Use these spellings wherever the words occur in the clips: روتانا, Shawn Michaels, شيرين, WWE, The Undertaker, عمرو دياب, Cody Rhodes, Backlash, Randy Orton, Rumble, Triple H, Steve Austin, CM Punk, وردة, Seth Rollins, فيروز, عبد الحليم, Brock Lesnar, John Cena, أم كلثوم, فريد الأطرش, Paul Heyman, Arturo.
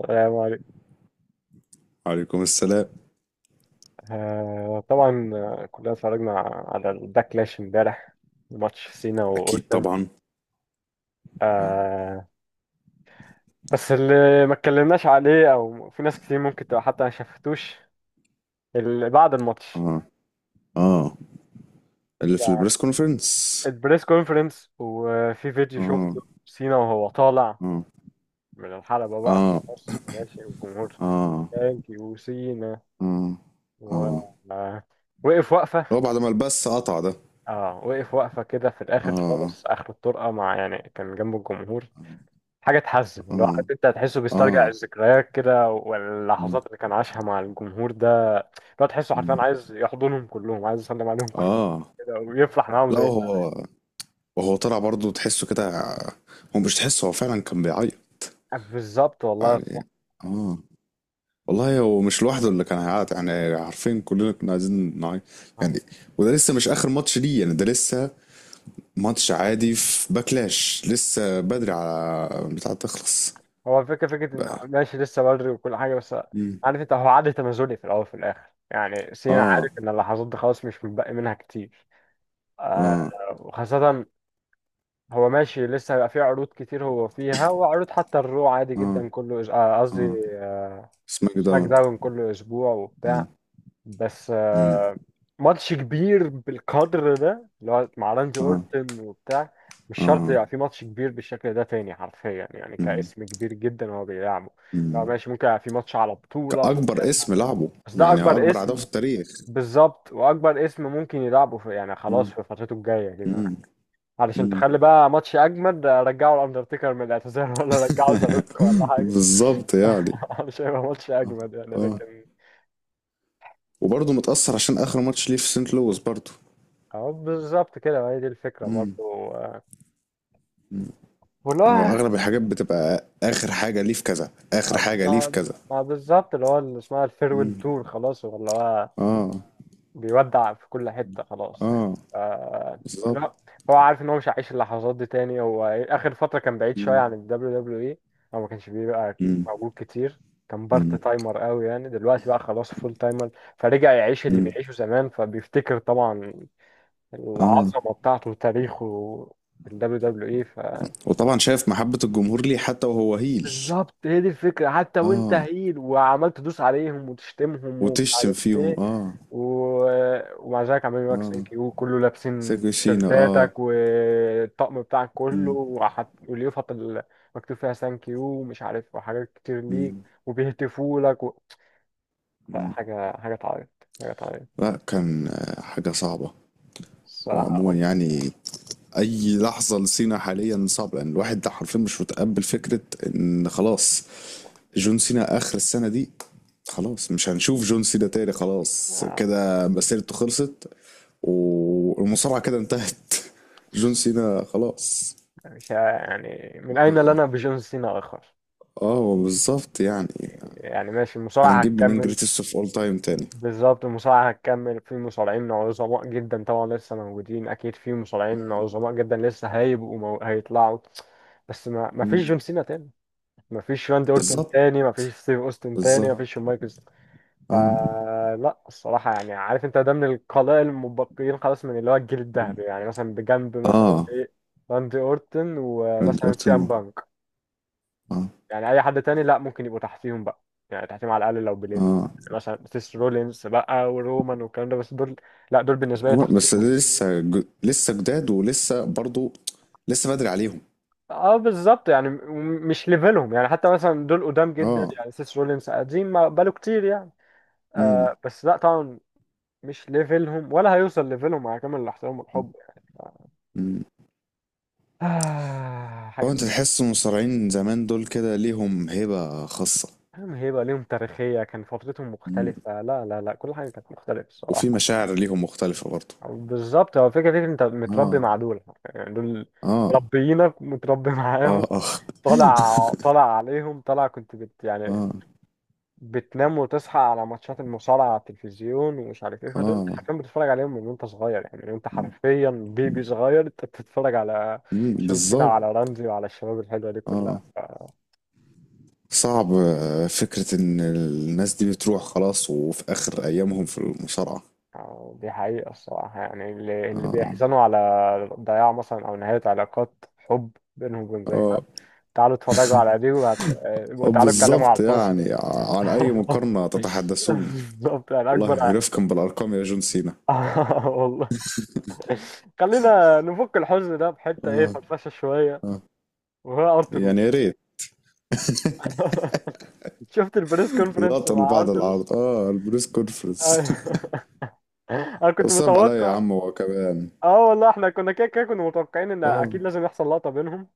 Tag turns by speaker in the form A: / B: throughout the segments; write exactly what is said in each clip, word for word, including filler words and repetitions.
A: السلام عليكم.
B: عليكم السلام.
A: آه طبعا، آه، كلنا اتفرجنا على الباكلاش امبارح، ماتش سينا
B: اكيد
A: واورتن.
B: طبعا. اه.
A: آه بس اللي ما اتكلمناش عليه او في ناس كتير ممكن تبقى حتى ما شافتوش اللي بعد الماتش،
B: اه. اه. اللي في
A: يعني
B: البريس كونفرنس.
A: البريس كونفرنس. وفي فيديو
B: اه.
A: شفته سينا وهو طالع
B: اه.
A: من الحلبة بقى
B: اه.
A: خلاص ماشي والجمهور
B: اه.
A: ثانك يو سينا،
B: اه.
A: و
B: اه.
A: آه، وقف وقفة.
B: هو بعد ما البث قطع ده؟
A: اه، وقف وقفة كده في الآخر
B: اه.
A: خالص آخر الطرقة مع يعني كان جنب الجمهور. حاجه تحزن لو
B: اه.
A: عارف انت، هتحسه
B: اه.
A: بيسترجع الذكريات كده
B: مم.
A: واللحظات اللي كان عاشها مع الجمهور ده. لو تحسه حرفيا
B: مم.
A: عايز يحضنهم كلهم، عايز يسلم عليهم كلهم
B: اه.
A: كده ويفرح معاهم
B: لا
A: زي زمان.
B: هو. وهو طلع برضه تحسه كده. هو مش تحسه، هو فعلا كان بيعيط
A: بالظبط والله صح.
B: يعني. اه. والله هو مش لوحده اللي كان هيعيط يعني، عارفين كلنا كنا عايزين نعيط يعني. وده لسه مش اخر ماتش ليه يعني، ده لسه ماتش عادي في باكلاش، لسه بدري على بتاع تخلص
A: هو الفكره فكره ان
B: بقى.
A: ماشي لسه بدري وكل حاجه، بس
B: مم.
A: عارف انت، هو عد تنازلي في الاول وفي الاخر، يعني سينا
B: اه.
A: عارف ان اللحظات دي خلاص مش متبقي منها كتير. آه،
B: اه.
A: وخاصه هو ماشي لسه، هيبقى فيه عروض كتير هو فيها، وعروض حتى الرو عادي
B: اه.
A: جدا كله إز- آه، قصدي
B: اه.
A: آه،
B: سماك
A: سماك
B: داون.
A: داون كل اسبوع
B: مم.
A: وبتاع. بس
B: مم.
A: آه، ماتش كبير بالقدر ده اللي هو مع راندي
B: اه.
A: اورتن وبتاع مش شرط
B: اه.
A: يبقى في ماتش كبير بالشكل ده تاني حرفيا، يعني
B: مم.
A: كاسم كبير جدا هو بيلعبه. لو
B: مم.
A: ماشي ممكن يبقى في ماتش على بطولة ممكن،
B: كأكبر
A: مش
B: اسم
A: عارف ايه،
B: لعبه.
A: بس ده
B: يعني
A: اكبر
B: أكبر عداوة
A: اسم.
B: في التاريخ.
A: بالظبط واكبر اسم ممكن يلعبه في يعني خلاص
B: مم.
A: في فترته الجايه كده،
B: مم.
A: علشان
B: مم.
A: تخلي بقى ماتش اجمد رجعوا الاندرتيكر من الاعتزال ولا رجعوا زالوك ولا حاجه.
B: بالظبط يعني.
A: مش هيبقى ماتش اجمد يعني،
B: اه.
A: لكن
B: وبرضه متأثر عشان آخر ماتش ليه في سنت لويس برضه.
A: اه بالظبط كده، ما هي دي الفكرة
B: مم.
A: برضو. آه،
B: مم. هو
A: والله.
B: أغلب الحاجات بتبقى آخر حاجة ليه في كذا، آخر حاجة ليه في
A: ما
B: كذا.
A: ما بالظبط اللي هو اللي اسمها الفيرويل
B: مم.
A: تور خلاص، هو اللي هو
B: آه.
A: بيودع في كل حتة خلاص، يعني
B: آه.
A: آه، اللي
B: بالضبط.
A: هو، هو عارف ان هو مش هيعيش اللحظات دي تاني. هو اخر فترة كان بعيد شوية
B: إمم.
A: عن ال دبليو دبليو إي، هو ما كانش بيبقى
B: إمم.
A: موجود كتير، كان بارت
B: إمم.
A: تايمر قوي يعني، دلوقتي بقى خلاص فول تايمر، فرجع يعيش اللي
B: إمم.
A: بيعيشه زمان، فبيفتكر طبعا
B: آه.
A: العظمة بتاعته وتاريخه في ال W W E.
B: وطبعًا شايف محبة الجمهور ليه حتى وهو heel.
A: بالظبط هي دي الفكرة، حتى وانت
B: آه.
A: هيل وعمال تدوس عليهم وتشتمهم ومش
B: وتشتم
A: عارف
B: فيهم
A: ايه
B: آه،
A: و... ومع ذلك عمالين يقولك
B: آه.
A: ثانك يو، كله لابسين
B: سيكو سينا آه،
A: تيشيرتاتك والطقم بتاعك كله،
B: إمم.
A: وحط... واليافطة اللي مكتوب فيها ثانك يو ومش عارف، وحاجات كتير ليك،
B: إمم.
A: وبيهتفوا لك و... لا،
B: إمم.
A: حاجة حاجة تعيط، حاجة تعيط
B: لأ كان آه، حاجة صعبة. وعمومًا
A: الصراحة.
B: يعني أي لحظة لسينا حاليًا صعبة، لأن الواحد ده حرفيًا مش متقبّل فكرة إن خلاص جون سينا آخر السنة دي. خلاص مش هنشوف جون سينا تاني خلاص،
A: آه.
B: كده مسيرته خلصت. والمصارعة كده انتهت. جون سينا خلاص.
A: مش ه- يعني من أين
B: اه.
A: لنا بجون سينا آخر،
B: آه، هو بالظبط يعني.
A: يعني ماشي المصارعة
B: هنجيب منين
A: هتكمل.
B: جريتست اوف اول تايم تاني؟
A: بالظبط المصارعة هتكمل، في مصارعين عظماء جدا طبعا لسه موجودين، أكيد في مصارعين عظماء جدا لسه هيبقوا مو... هيطلعوا، بس ما ما فيش
B: مم.
A: جون سينا تاني، ما فيش راندي أورتون
B: بالظبط.
A: تاني، ما فيش ستيف أوستن تاني،
B: بالظبط.
A: ما فيش شون مايكلز.
B: اه.
A: فلا الصراحة يعني عارف أنت، ده من القلائل المبقيين خلاص من اللي هو الجيل
B: مم.
A: الذهبي، يعني مثلا بجنب مثلا
B: اه.
A: إيه، راندي أورتون
B: راندي
A: ومثلا
B: اورتن
A: سي أم
B: و-
A: بانك.
B: اه.
A: يعني اي حد تاني لا ممكن يبقوا تحتيهم بقى يعني، تحتيهم على الاقل لو بليفر،
B: اه.
A: مثلا سيس رولينز بقى ورومان والكلام ده، بس دول لا دول بالنسبه لي
B: جمهور- بس
A: تحتيهم.
B: ده لسه ج... لسه جداد ولسه برضو. لسه بدري عليهم.
A: اه بالظبط يعني م- م- مش ليفلهم يعني. حتى مثلا دول قدام جدا،
B: اه.
A: يعني سيس رولينز قديم ما بقاله كتير يعني، آه
B: امم.
A: بس لا طبعا مش ليفلهم ولا هيوصل ليفلهم، مع كامل الاحترام والحب.
B: امم.
A: آه
B: هو
A: حاجه،
B: انت تحس المصارعين زمان دول كده ليهم هيبة خاصة؟
A: هم هيبقى ليهم تاريخيه، كان فترتهم
B: مم.
A: مختلفه، لا لا لا كل حاجه كانت مختلفه
B: وفي
A: الصراحه.
B: مشاعر ليهم مختلفة برضو.
A: بالظبط، هو فكرة فكرة انت متربي
B: اه.
A: مع دول، يعني دول
B: اه.
A: مربيينك، متربي
B: اه.
A: معاهم،
B: اه.
A: طالع طالع عليهم، طالع كنت بت يعني
B: اه.
A: بتنام وتصحى على ماتشات المصارعة على التلفزيون ومش عارف ايه. فدول انت
B: اه.
A: حرفيا بتتفرج عليهم من وانت صغير، يعني من وانت حرفيا بيبي صغير انت بتتفرج على
B: مم،
A: جون سينا
B: بالظبط.
A: وعلى رمزي وعلى الشباب الحلوة دي كلها
B: اه.
A: ف...
B: صعب آه، فكرة ان الناس دي بتروح خلاص، وفي اخر ايامهم في المصارعة.
A: أو دي حقيقة الصراحة، يعني اللي, اللي
B: اه.
A: بيحزنوا على ضياع مثلا، أو نهاية علاقات حب بينهم وبين،
B: اه.
A: تعالوا اتفرجوا على دي وهت... آه،
B: آه،
A: وتعالوا اتكلموا على
B: بالظبط
A: الحزن.
B: يعني، ع- عن اي مقارنة تتحدثون.
A: بالظبط يعني
B: والله
A: اكبر
B: رفقا بالارقام يا جون سينا.
A: آه، والله، خلينا نفك الحزن ده بحته ايه،
B: اه.
A: فرفشه شويه،
B: اه.
A: وهو
B: يعني يا
A: ارتروس.
B: ريت.
A: شفت البريس كونفرنس
B: لقطة
A: مع
B: لبعض
A: ارتروس؟
B: العرض اه البريس كونفرنس.
A: أيوه. انا كنت
B: صعب عليا يا
A: متوقع،
B: عم، هو كمان.
A: اه والله احنا كنا كده كده كنا متوقعين ان
B: اه.
A: اكيد لازم يحصل لقطه بينهم،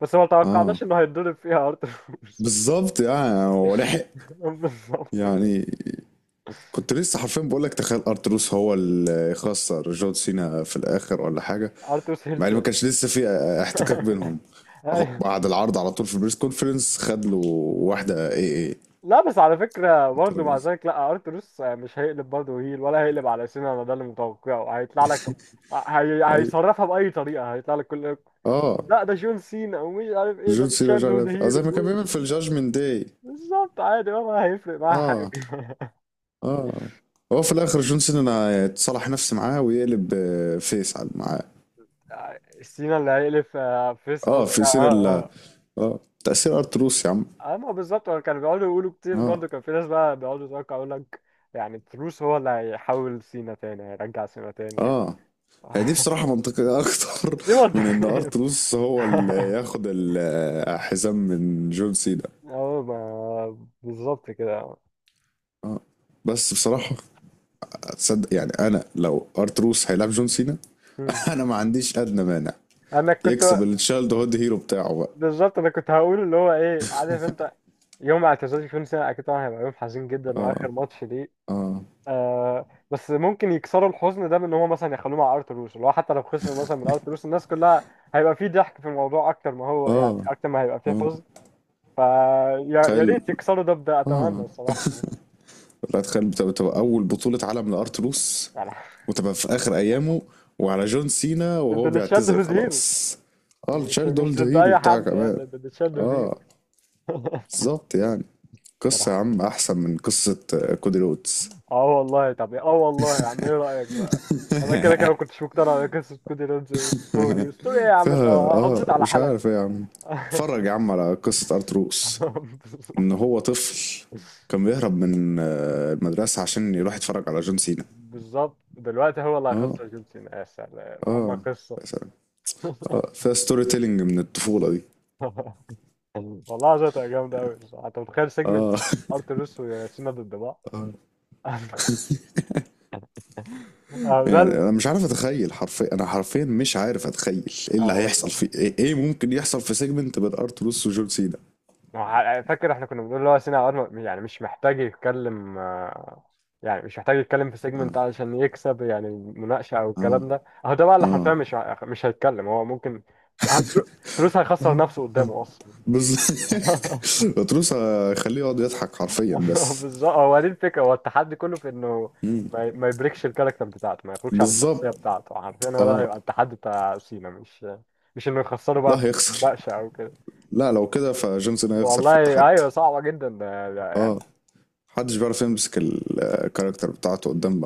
A: بس ما
B: اه.
A: توقعناش انه هيتضرب فيها ارتروس.
B: بالظبط يعني، هو لحق.
A: بالظبط كده،
B: يعني كنت لسه حرفيا بقول لك تخيل ارتروس هو اللي يخسر جون سينا في الاخر ولا حاجه.
A: ارتروس هيل
B: مع ان ما
A: تاني.
B: كانش لسه في احتكاك بينهم. أهو بعد العرض على طول في البريس كونفرنس خد له واحده اي اي على
A: لا بس على فكرة برضه، مع
B: الترابيزه.
A: ذلك لا، ارتروس مش هيقلب برضه هيل ولا هيقلب على سينا، انا ده اللي متوقعه هيطلع لك، هي...
B: اي.
A: هيصرفها بأي طريقة، هيطلع لك كل،
B: اه.
A: لا ده جون سينا ومش عارف ايه،
B: جون
A: ده
B: سينا مش
A: تشارلز هود
B: عارف آه، زي
A: هيرو
B: ما كان بيعمل
A: ومش،
B: في الجاجمنت داي.
A: بالظبط، عادي ولا هيفرق معاه حاجة.
B: اه. اه. هو في الاخر جون سينا يتصالح نفسي معاه ويقلب آه، فيس على معاه.
A: سينا اللي هيقلب آه، فيس
B: اه
A: قصدك، اه
B: في سينا ال-
A: اه.
B: اه تاثير ارتروس يا عم.
A: اه آه، ما بالظبط، هو كانوا بيقعدوا يقولوا كتير
B: اه.
A: برضه، كان في ناس بقى بيقعدوا يتوقعوا، يقول لك يعني تروس هو اللي هيحول سينا تاني، هيرجع سينا تاني يعني.
B: اه. هي دي بصراحة منطقية أكتر
A: ليه
B: من إن
A: منطقي؟
B: أرتلوس هو اللي ياخد الحزام من جون سينا.
A: اه ما بالظبط كده.
B: آه. بس بصراحة تصدق يعني أنا لو أرتلوس هيلعب جون سينا
A: مم.
B: أنا ما عنديش أدنى مانع.
A: انا كنت
B: يكسب التشايلد هود هيرو بتاعه بقى.
A: بالظبط انا كنت هقول اللي هو ايه، عارف انت، يوم اعتزال كل سنه اكيد طبعا هيبقى يوم حزين جدا،
B: آه.
A: واخر ماتش ليه
B: آه.
A: آه، بس ممكن يكسروا الحزن ده بان هو مثلا يخلوه مع ارتروس، اللي هو حتى لو خسر مثلا من ارتروس، الناس كلها هيبقى فيه ضحك في الموضوع اكتر ما هو يعني،
B: آه.
A: اكتر ما هيبقى فيه حزن فيا، يا يا
B: تخيل.
A: ريت يكسروا ده بده، اتمنى
B: آه.
A: الصراحه.
B: لا تخيل، بتبقى بتبقى أول بطولة عالم لأرتروس.
A: يعني
B: وتبقى في آخر أيامه. وعلى جون سينا
A: ضد
B: وهو
A: اللي تشيلد
B: بيعتزل
A: هيرو،
B: خلاص. اه
A: مش
B: التشايلد
A: مش
B: هولد
A: ضد
B: هيرو
A: اي
B: بتاعك
A: حد، يعني
B: كمان.
A: ضد اللي تشيلد
B: اه
A: هيرو.
B: بالظبط يعني.
A: يا
B: قصة يا
A: لهوي.
B: عم أحسن من قصة آه، كودي رودز.
A: اه والله، طب اه والله يا عم ايه رأيك بقى. انا كده كده ما كنتش مقتنع بقصة كودي رودز، ستوري ستوري ايه يا عم انت،
B: فيها
A: حافظت
B: اه
A: على
B: مش
A: حالك.
B: عارف ايه يا عم. اتفرج يا عم على قصة أرتروس.
A: بالظبط.
B: إن هو طفل كان بيهرب من آه، المدرسة عشان يروح يتفرج على جون سينا.
A: بالظبط. دلوقتي هو اللي
B: اه.
A: هيخسر جون سينا، يا سلام اما
B: اه.
A: قصة.
B: يا سلام. اه فيها ستوري تيلينج من الطفولة دي.
A: والله عايزة تبقى جامدة أوي بصراحة. أنت متخيل سيجمنت
B: اه.
A: أرتروس وسينا ضد بعض؟ أه ده
B: يعني
A: ال-
B: انا مش عارف اتخيل حرفيا، انا حرفيا مش عارف اتخيل ايه
A: اه
B: اللي هيحصل
A: والله،
B: في ايه, إيه ممكن يحصل في سيجمنت بين ارتروس وجون سينا.
A: ما هو فاكر احنا كنا بنقول اللي هو سينا عواد ما- يعني مش محتاج يتكلم آه، يعني مش محتاج يتكلم في
B: اه.
A: سيجمنت علشان يكسب يعني، مناقشة او
B: اه.
A: الكلام ده، اهو ده بقى اللي
B: اه.
A: حرفيا مش ه- مش هيتكلم هو ممكن، هل تر- تروس هيخسر نفسه قدامه اصلا.
B: بس. ارتروس هيخليه يقعد يضحك حرفيا بس.
A: بالظبط، هو دي الفكرة، هو التحدي كله في انه ما ما يبريكش الكاركتر بتاعته، ما يخرجش عن الشخصية
B: بالظبط.
A: بتاعته حرفيا، هو ده
B: اه.
A: هيبقى التحدي بتاع سينا، مش مش انه يخسره
B: لا
A: بقى في
B: هيخسر.
A: المناقشة او كده.
B: لا لو كده فجون سينا هيخسر في
A: والله
B: التحدي.
A: ايوه صعبة جدا.
B: اه. محدش بيعرف يمسك الكاركتر بتاعته قدام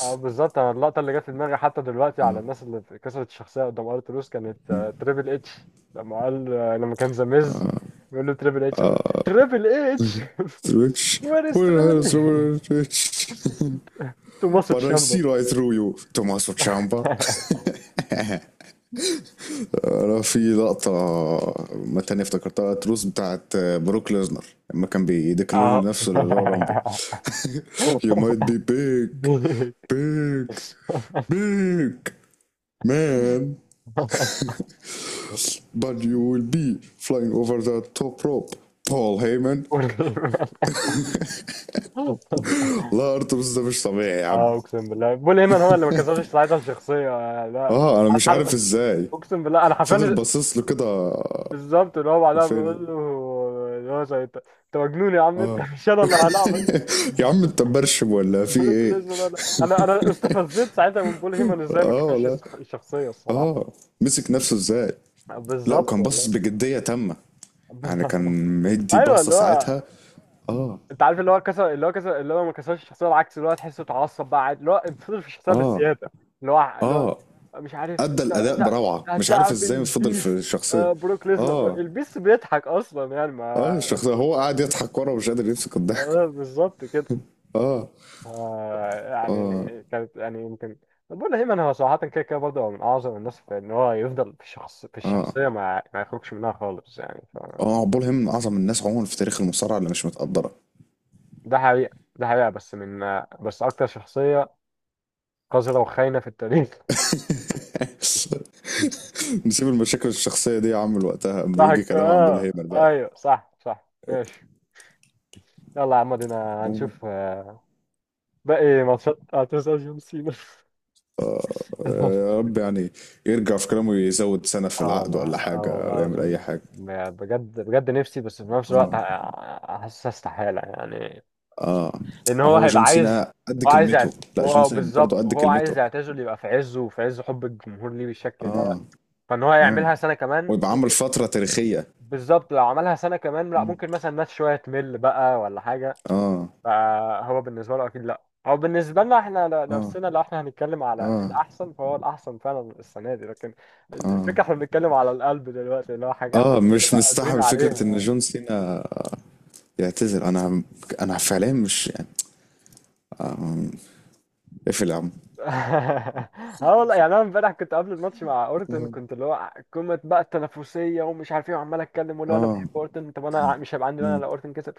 A: اه بالظبط، أنا اللقطة اللي جت في دماغي حتى دلوقتي على الناس اللي كسرت الشخصية قدام ارتروس، كانت آه، تريبل اتش. لما قال آه، لما كان زاميز بيقول له تريبل اتش، أقول
B: اه
A: تريبل اتش.
B: سويتش.
A: وير از
B: وير هيز
A: تريبل
B: روبرت سويتش.
A: اتش تو ماسك
B: But I
A: شامبو.
B: see right through you, Tommaso Ciampa. انا في لقطة ما تانية افتكرتها تروس بتاعت بروك ليزنر لما كان بيديكلير
A: اه
B: نفسه للرو رامبل. You might be big big big man, but you will be flying over the top rope, Paul Heyman. لا ارتبس ده مش طبيعي يا عم.
A: اه اقسم بالله بول هيمن هو اللي ما كسرش ساعتها الشخصيه. آه، لا
B: اه انا
A: انا
B: مش عارف
A: عارف،
B: ازاي
A: اقسم بالله انا
B: فضل
A: حرفيا،
B: باصص له كده.
A: بالظبط اللي هو بعدها
B: فين.
A: بيقول له اللي هو زي، انت انت مجنون يا عم، انت مش انا اللي هلاعبك.
B: يا عم انت مبرشم ولا في
A: بروك
B: ايه؟
A: ليزنر، انا انا انا استفزت ساعتها من بول هيمن ازاي ما
B: اه
A: كانش
B: والله.
A: الشخصيه الصراحه.
B: اه. مسك نفسه ازاي. لا
A: بالظبط
B: وكان باصص
A: والله.
B: بجدية تامة. يعني كان مدي
A: ايوه
B: باصة
A: اللي هو،
B: ساعتها. اه.
A: انت عارف اللي هو كسر اللي هو كسر، اللي هو ما كسرش الشخصيه، العكس اللي هو تحسه اتعصب بقى عادي، اللي هو فضل في الشخصيه
B: اه.
A: بالزياده، اللي هو اللي هو،
B: اه.
A: مش عارف
B: ادى
A: انت،
B: الاداء
A: انت
B: بروعة، مش عارف
A: هتلاعب
B: ازاي فضل في
A: البيست
B: الشخصية.
A: آه، بروك ليزنر،
B: اه.
A: البيست بيضحك اصلا يعني،
B: اه
A: ما
B: الشخصية، هو قاعد يضحك ورا ومش قادر يمسك الضحك.
A: آه، بالظبط كده.
B: اه.
A: آه
B: اه.
A: يعني كانت يعني يمكن، طب بقول هيمن هو صراحة كده كده برضه هو من أعظم الناس في إن هو يفضل في الشخص في
B: اه.
A: الشخصية، ما ما يخرجش منها خالص يعني ف...
B: اه عبول هيم من اعظم الناس عموما في تاريخ المصارعة اللي مش متقدرة.
A: ده حقيقة ده حقيقة، بس من بس أكتر شخصية قذرة وخاينة في التاريخ.
B: نسيب المشاكل الشخصية دي يا عم لوقتها اما يجي
A: ضحك
B: كلام عن بول
A: آه
B: هيمر
A: أيوه، صح صح ماشي، يلا يا عم ادينا
B: بقى.
A: هنشوف آه، باقي ماتشات، هتسأل جون سينا.
B: آه، يا رب يعني يرجع في كلامه، يزود سنة في
A: اه
B: العقد،
A: والله
B: ولا
A: اه
B: حاجة
A: والله
B: ولا يعمل أي
A: لازم،
B: حاجة.
A: بجد بجد نفسي، بس في نفس الوقت
B: اه.
A: حاسس استحالة يعني،
B: اه.
A: لان هو
B: هو
A: هيبقى
B: جون
A: عايز،
B: سينا قد
A: هو عايز
B: كلمته.
A: يعت...
B: لا جون
A: هو
B: سينا برضه
A: بالظبط
B: قد
A: وهو عايز
B: كلمته.
A: يعتزل، يبقى في عزه وفي عز حب الجمهور ليه بالشكل ده،
B: اه.
A: فان هو
B: اه.
A: يعملها سنه كمان
B: ويبقى عمل
A: ممكن.
B: فترة تاريخية.
A: بالظبط، لو عملها سنه كمان لا
B: مم.
A: ممكن مثلا الناس شويه تمل بقى ولا حاجه،
B: اه.
A: فهو بالنسبه له اكيد لا، هو بالنسبه لنا احنا ل-
B: اه.
A: نفسنا، لو احنا هنتكلم على
B: اه.
A: الاحسن فهو الاحسن فعلا السنه دي، لكن
B: اه.
A: الفكره احنا بنتكلم على القلب دلوقتي، اللي هو حاجه احنا
B: اه.
A: مش
B: مش
A: هنبقى قادرين
B: مستحمل فكرة ان
A: عليها.
B: جون سينا يعتزل. انا انا فعليا مش يعني. اقفل يا عم.
A: اه والله، يعني انا امبارح كنت قبل الماتش مع اورتون،
B: آه.
A: كنت اللي هو قمه بقى التنافسيه ومش عارف ايه، وعمال اتكلم واللي هو انا
B: اه.
A: بحب اورتون، طب انا مش هيبقى عندي مانع
B: مم.
A: لو اورتون كسب.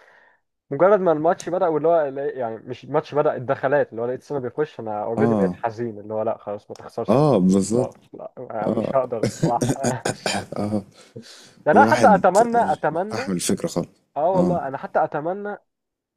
A: مجرد ما الماتش بدا واللي هو لا- يعني مش الماتش بدا، الدخلات، اللي هو لقيت سنه بيخش، انا اوريدي بقيت
B: اه.
A: حزين، اللي هو لا خلاص، ما تخسرش،
B: اه. بالظبط.
A: خلاص لا، أنا مش
B: اه.
A: هقدر الصراحه.
B: آه.
A: ده انا حتى
B: الواحد
A: اتمنى
B: مش
A: اتمنى،
B: بيستحمل الفكرة خالص.
A: اه
B: اه.
A: والله انا حتى اتمنى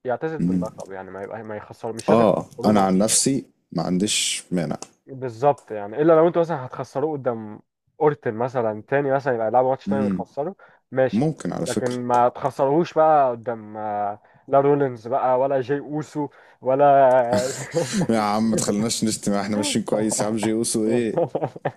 A: يعتزل
B: مم.
A: باللقب يعني، ما يبقى ما يخسر، مش لازم
B: اه
A: يخسروا
B: انا عن
A: ماتش.
B: نفسي ما عنديش مانع.
A: بالظبط يعني، الا لو انتوا مثلا هتخسروه قدام اورتل مثلا تاني، مثلا يبقى يلعبوا ماتش تاني
B: مم.
A: ويخسروا، ماشي،
B: ممكن على
A: لكن
B: فكرة.
A: ما تخسروهوش بقى قدام آه، لا رولينز بقى ولا جي اوسو ولا
B: يا عم ما تخليناش نشتم، احنا ماشيين كويس يا عم. جيوسو ايه،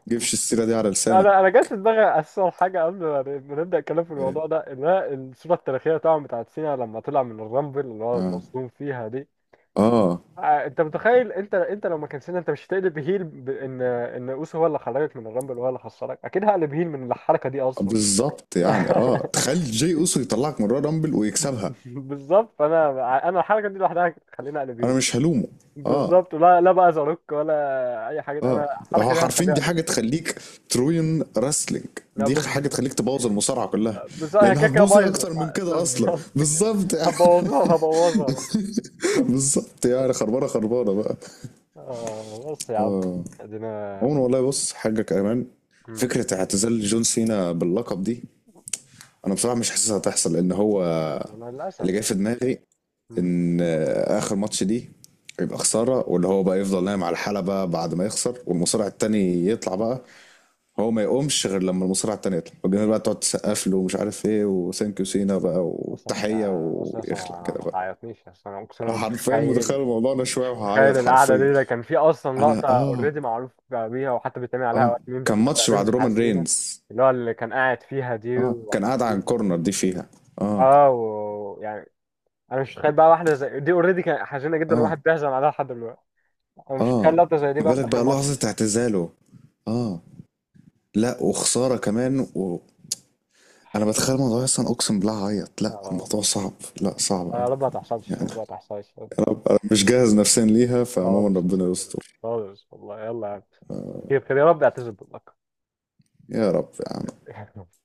B: جيبش السيرة دي على لسانك.
A: انا انا جات في دماغي اساسا حاجه قبل ما ما نبدا الكلام في الموضوع
B: إيه؟
A: ده، اللي هي الصوره التاريخيه طبعا بتاعت سينا لما طلع من الرامبل، اللي هو
B: اه.
A: مصدوم فيها دي.
B: اه.
A: آه، انت متخيل، انت انت لو ما كان سينا، انت مش هتقلب هيل ب... ان ان اوسو هو اللي خرجك من الرامبل وهو اللي خسرك، اكيد هقلب هيل من الحركه دي اصلا.
B: بالظبط يعني، اه تخيل جي اوسو يطلعك من رامبل ويكسبها.
A: بالظبط، فانا انا الحركه دي لوحدها تخليني اقلب
B: انا
A: هيل،
B: مش هلومه. اه.
A: بالظبط، لا لا بقى زاروك ولا اي حاجه، انا
B: اه. هو
A: الحركه دي
B: حرفيا
A: هتخليني
B: دي
A: اقلب
B: حاجه
A: هيل.
B: تخليك تروين راسلينج.
A: لا
B: دي حاجه
A: بالظبط،
B: تخليك تبوظ المصارعه كلها.
A: بالظبط هي
B: لانها
A: كده كده
B: هتبوظ ايه
A: بايظه
B: اكتر من
A: آه،
B: كده اصلا،
A: بالظبط كده،
B: بالظبط يعني.
A: هبوظوها وهبوظها.
B: بالظبط يعني خربانه خربانه بقى.
A: آه بص يا عم
B: اه.
A: ادينا.
B: عموما والله بص حاجه كمان،
A: مم.
B: فكره اعتزال جون سينا باللقب دي، انا بصراحه مش حاسسها هتحصل لان هو
A: انا للاسف.
B: اللي جاي في دماغي
A: آه.
B: ان اخر ماتش دي يبقى خساره، واللي هو بقى يفضل نايم على الحلبه بعد ما يخسر والمصارع التاني يطلع بقى. هو ما يقومش غير لما المصارعة التانية تطلع والجماهير بقى تقعد تسقف له ومش عارف ايه وثانك يو سينا بقى
A: بص بص،
B: والتحية
A: بص بص،
B: ويخلع
A: ما
B: كده
A: ما
B: بقى.
A: تعيطنيش بس، انا اقسم
B: أنا
A: بالله
B: حرفيا متخيل
A: متخيل،
B: الموضوع ده شوية
A: مش متخيل
B: وهعيط
A: القعده
B: حرفيا.
A: دي، ده كان في اصلا لقطه
B: أنا آه.
A: اوريدي معروف بيها وحتى بيتعمل عليها وقت
B: آه.
A: ميمز،
B: كان
A: بتاع
B: ماتش بعد
A: ميمز
B: رومان
A: حزينه،
B: رينز.
A: اللي هو اللي كان قاعد فيها دي
B: آه كان قاعد على
A: وحزين،
B: الكورنر دي فيها. آه.
A: اه ويعني انا مش متخيل بقى واحده زي دي اوريدي كانت حزينه جدا وواحد
B: آه.
A: بيحزن عليها لحد دلوقتي، انا مش
B: آه.
A: متخيل لقطه زي دي
B: ما
A: بقى في
B: بالك
A: اخر
B: بقى لحظة
A: ماتش.
B: اعتزاله. آه. لا وخسارة كمان و... أنا بتخيل الموضوع أصلا أقسم بالله هعيط، لا
A: اه.
B: الموضوع صعب. لا
A: آه.
B: صعب أوي.
A: يا رب ما تحصلش، يا
B: يعني
A: رب ما تحصلش،
B: أنا أنا مش جاهز نفسيا ليها، فعموما
A: خالص
B: ربنا
A: اقسم بالله،
B: يستر.
A: خالص والله. يلا يا عم. خير خير يا رب، اعتذر باللقب.
B: يا رب يا عم.